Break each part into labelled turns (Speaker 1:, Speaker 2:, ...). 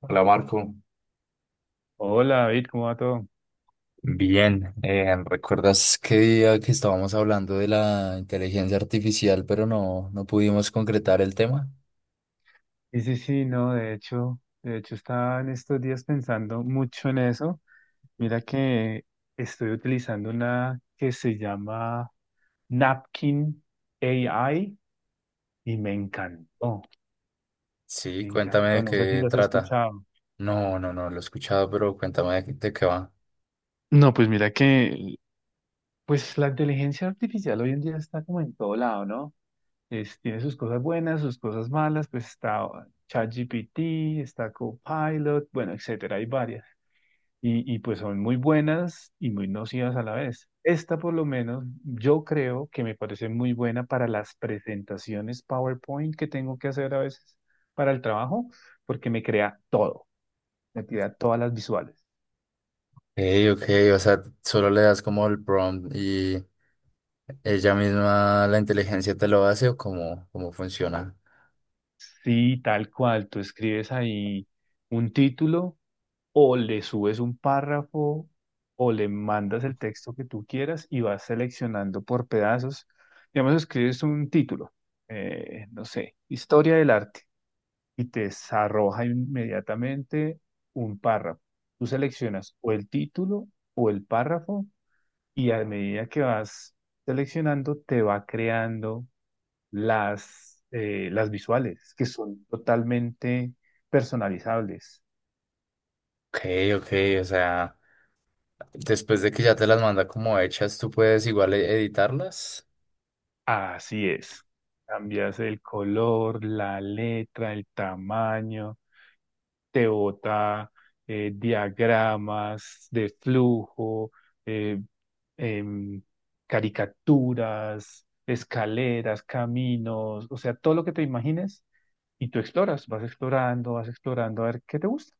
Speaker 1: Hola, Marco.
Speaker 2: Hola David, ¿cómo va todo?
Speaker 1: Bien. ¿Recuerdas qué día que estábamos hablando de la inteligencia artificial, pero no pudimos concretar el tema?
Speaker 2: Sí, sí, sí, no, de hecho estaba en estos días pensando mucho en eso. Mira que estoy utilizando una que se llama Napkin AI y me encantó,
Speaker 1: Sí,
Speaker 2: me
Speaker 1: cuéntame
Speaker 2: encantó.
Speaker 1: de
Speaker 2: No sé si
Speaker 1: qué
Speaker 2: las has
Speaker 1: trata.
Speaker 2: escuchado.
Speaker 1: No, lo he escuchado, pero cuéntame de qué va.
Speaker 2: No, pues mira que, pues la inteligencia artificial hoy en día está como en todo lado, ¿no? Tiene sus cosas buenas, sus cosas malas, pues está ChatGPT, está Copilot, bueno, etcétera, hay varias. Y pues son muy buenas y muy nocivas a la vez. Esta por lo menos yo creo que me parece muy buena para las presentaciones PowerPoint que tengo que hacer a veces para el trabajo, porque me crea todo, me crea todas las visuales.
Speaker 1: Ey, ok, o sea, solo le das como el prompt y ella misma, la inteligencia te lo hace o cómo funciona.
Speaker 2: Sí, tal cual, tú escribes ahí un título o le subes un párrafo o le mandas el texto que tú quieras y vas seleccionando por pedazos. Digamos, escribes un título, no sé, historia del arte y te arroja inmediatamente un párrafo. Tú seleccionas o el título o el párrafo y a medida que vas seleccionando te va creando las visuales que son totalmente personalizables.
Speaker 1: Ok, ok, o sea, después de que ya te las manda como hechas, ¿tú puedes igual editarlas?
Speaker 2: Así es. Cambias el color, la letra, el tamaño, te bota diagramas de flujo, eh, em, caricaturas, escaleras, caminos, o sea, todo lo que te imagines y tú exploras, vas explorando a ver qué te gusta.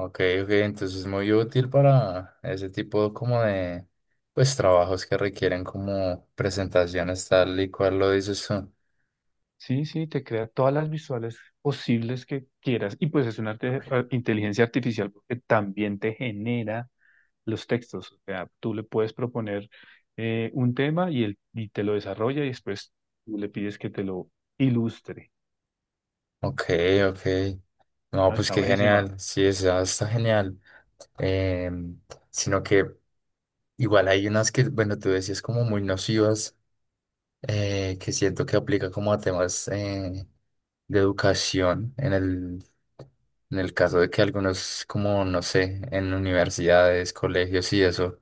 Speaker 1: Ok, ok, entonces es muy útil para ese tipo como de, pues, trabajos que requieren como presentaciones tal y cual lo dices tú.
Speaker 2: Sí, sí, te crea todas las visuales posibles que quieras. Y pues es una inteligencia artificial porque también te genera los textos. O sea, tú le puedes proponer un tema y, él, y te lo desarrolla y después tú le pides que te lo ilustre.
Speaker 1: Ok, ok. No,
Speaker 2: No,
Speaker 1: pues
Speaker 2: está
Speaker 1: qué
Speaker 2: buenísima.
Speaker 1: genial. Sí, o sea, está genial. Em, Sino que igual hay unas que, bueno, tú decías como muy nocivas. Que siento que aplica como a temas de educación en en el caso de que algunos, como no sé, en universidades, colegios y eso,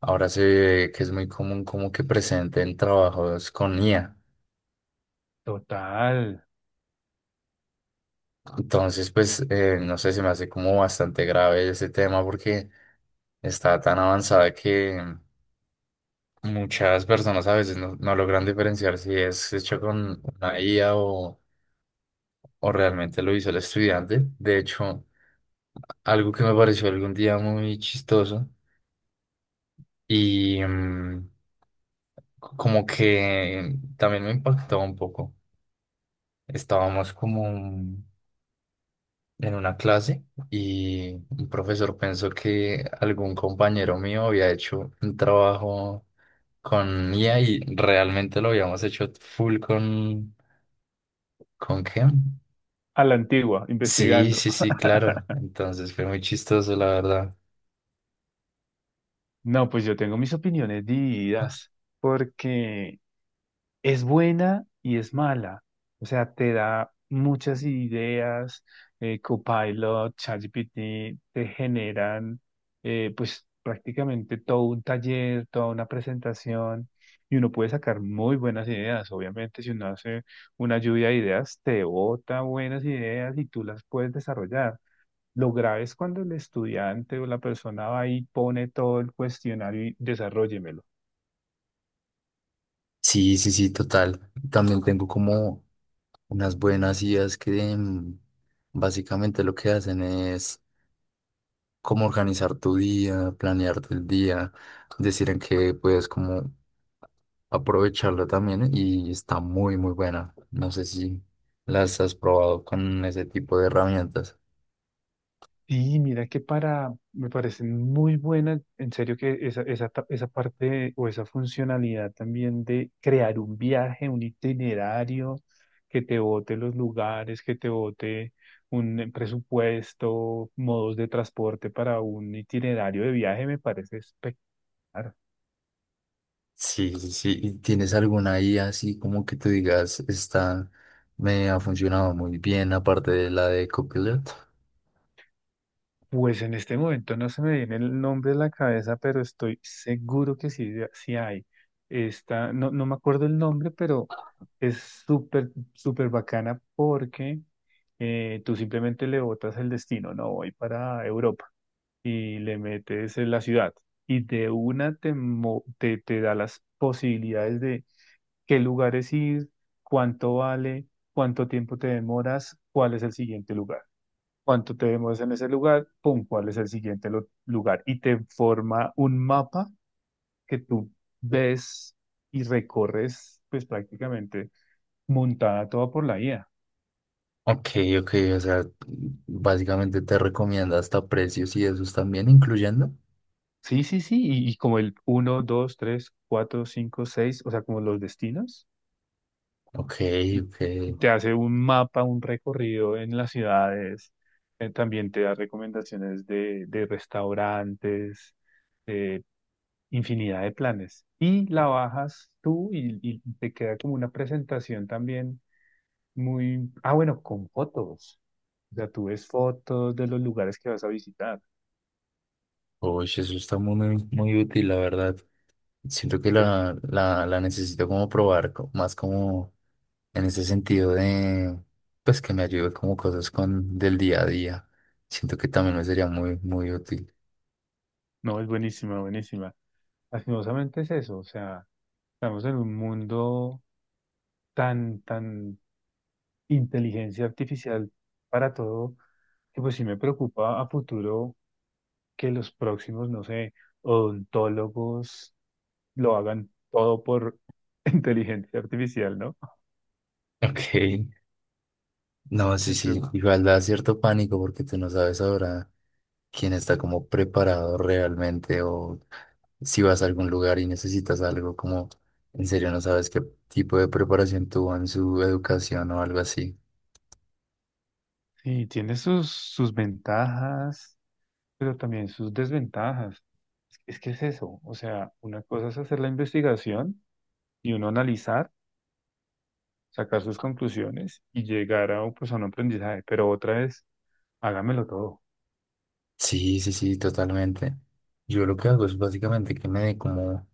Speaker 1: ahora se ve que es muy común como que presenten trabajos con IA.
Speaker 2: Total.
Speaker 1: Entonces, pues, no sé, se me hace como bastante grave ese tema porque está tan avanzada que muchas personas a veces no logran diferenciar si es hecho con una IA o realmente lo hizo el estudiante. De hecho, algo que me pareció algún día muy chistoso y como que también me impactó un poco. Estábamos como en una clase y un profesor pensó que algún compañero mío había hecho un trabajo con IA y realmente lo habíamos hecho full con... ¿Con qué?
Speaker 2: A la antigua,
Speaker 1: Sí,
Speaker 2: investigando.
Speaker 1: sí, sí, claro. Entonces fue muy chistoso, la verdad.
Speaker 2: No, pues yo tengo mis opiniones divididas porque es buena y es mala. O sea, te da muchas ideas, Copilot, ChatGPT, te generan pues prácticamente todo un taller, toda una presentación y uno puede sacar muy buenas ideas. Obviamente, si uno hace una lluvia de ideas, te bota buenas ideas y tú las puedes desarrollar. Lo grave es cuando el estudiante o la persona va y pone todo el cuestionario y desarrollémelo.
Speaker 1: Sí, sí, sí, total. También tengo como unas buenas ideas que básicamente lo que hacen es como organizar tu día, planear el día, decir en qué puedes como aprovecharlo también y está muy, muy buena. No sé si las has probado con ese tipo de herramientas.
Speaker 2: Sí, mira que para, me parece muy buena, en serio que esa, esa parte o esa funcionalidad también de crear un viaje, un itinerario, que te bote los lugares, que te bote un presupuesto, modos de transporte para un itinerario de viaje, me parece espectacular.
Speaker 1: Sí, sí, sí. ¿Y tienes alguna IA así como que tú digas, esta me ha funcionado muy bien aparte de la de Copilot?
Speaker 2: Pues en este momento no se me viene el nombre a la cabeza, pero estoy seguro que sí, sí hay. Esta, no, no me acuerdo el nombre, pero es súper, súper bacana porque tú simplemente le botas el destino, no voy para Europa, y le metes en la ciudad. Y de una te da las posibilidades de qué lugares ir, cuánto vale, cuánto tiempo te demoras, cuál es el siguiente lugar, cuánto te demoras en ese lugar, pum, cuál es el siguiente lugar. Y te forma un mapa que tú ves y recorres, pues prácticamente montada toda por la IA.
Speaker 1: Ok, ok, o sea, básicamente te recomienda hasta precios y esos también incluyendo.
Speaker 2: Sí, sí, sí, y como el uno, 2, 3, 4, 5, 6, o sea, como los destinos,
Speaker 1: Ok,
Speaker 2: y,
Speaker 1: ok.
Speaker 2: y te hace un mapa, un recorrido en las ciudades. También te da recomendaciones de restaurantes, eh, infinidad de planes. Y la bajas tú y te queda como una presentación también muy, ah, bueno, con fotos. O sea, tú ves fotos de los lugares que vas a visitar.
Speaker 1: Uy, eso está muy, muy útil, la verdad. Siento que
Speaker 2: Es-
Speaker 1: la necesito como probar, más como en ese sentido de, pues que me ayude como cosas con del día a día. Siento que también me sería muy, muy útil.
Speaker 2: no, es buenísima, buenísima. Lastimosamente es eso, o sea, estamos en un mundo tan, tan inteligencia artificial para todo, que pues sí me preocupa a futuro que los próximos, no sé, odontólogos lo hagan todo por inteligencia artificial, ¿no?
Speaker 1: Ok. No, sí, sí,
Speaker 2: Pero
Speaker 1: igual da cierto pánico porque tú no sabes ahora. Quién está como preparado realmente o si vas a algún lugar y necesitas algo, como en serio no sabes qué tipo de preparación tuvo en su educación o algo así.
Speaker 2: sí, tiene sus, sus ventajas, pero también sus desventajas. Es que es eso, o sea, una cosa es hacer la investigación y uno analizar, sacar sus conclusiones y llegar a, pues, a un aprendizaje, pero otra es, hágamelo todo,
Speaker 1: Sí, sí, sí, totalmente. Yo lo que hago es básicamente que me dé como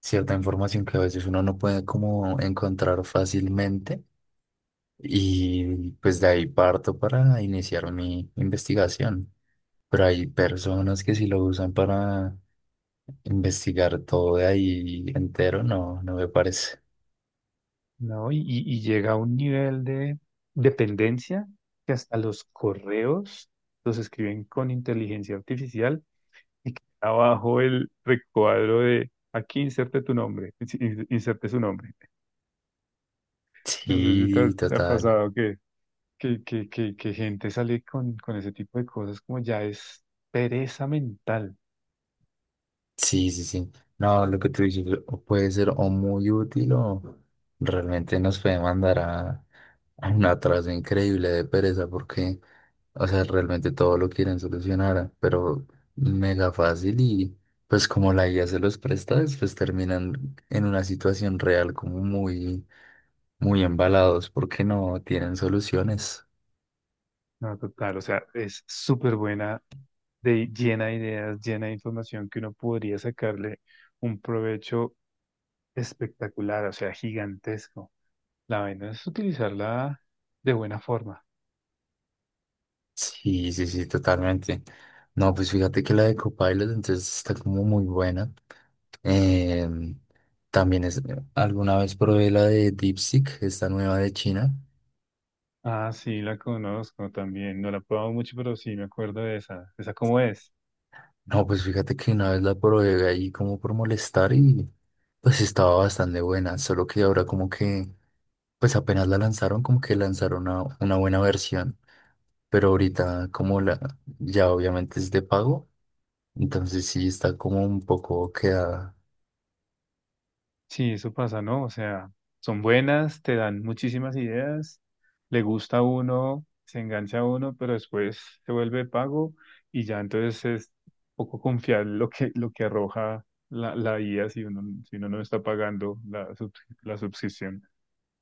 Speaker 1: cierta información que a veces uno no puede como encontrar fácilmente y pues de ahí parto para iniciar mi investigación. Pero hay personas que sí lo usan para investigar todo de ahí entero, no me parece.
Speaker 2: ¿no? Y llega a un nivel de dependencia que hasta los correos los escriben con inteligencia artificial y que abajo el recuadro de aquí inserte tu nombre, inserte su nombre. No sé si te,
Speaker 1: Sí,
Speaker 2: te ha
Speaker 1: total.
Speaker 2: pasado que, que gente sale con ese tipo de cosas como ya es pereza mental.
Speaker 1: Sí, sí, sí. No, lo que tú dices o puede ser o muy útil o realmente nos puede mandar a un atraso increíble de pereza porque, o sea, realmente todo lo quieren solucionar, pero mega fácil y pues como la IA se los presta, pues terminan en una situación real como muy, muy embalados porque no tienen soluciones.
Speaker 2: No, total, o sea, es súper buena, de, llena de ideas, llena de información que uno podría sacarle un provecho espectacular, o sea, gigantesco. La vaina es utilizarla de buena forma.
Speaker 1: Sí, sí, sí, totalmente. No, pues fíjate que la de Copilot entonces está como muy buena. Em, También es, alguna vez probé la de DeepSeek, esta nueva de China.
Speaker 2: Ah, sí, la conozco también, no la he probado mucho, pero sí me acuerdo de esa. ¿Esa cómo es?
Speaker 1: No, pues fíjate que una vez la probé ahí como por molestar y pues estaba bastante buena, solo que ahora como que, pues apenas la lanzaron, como que lanzaron una buena versión, pero ahorita como la, ya obviamente es de pago, entonces sí está como un poco quedada.
Speaker 2: Sí, eso pasa, ¿no? O sea, son buenas, te dan muchísimas ideas, le gusta a uno, se engancha a uno, pero después se vuelve pago y ya entonces es poco confiar lo que arroja la, la IA si uno, si uno no está pagando la, la suscripción.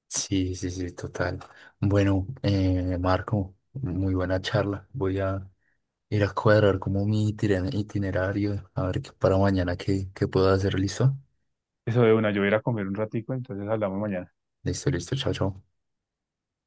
Speaker 1: Sí, sí, sí, total. Bueno, Marco, muy buena charla. Voy a ir a cuadrar como mi itinerario, a ver qué para mañana qué puedo hacer. ¿Listo?
Speaker 2: Eso de una, yo voy a ir a comer un ratico, entonces hablamos mañana.
Speaker 1: Listo, listo. Chao, chao.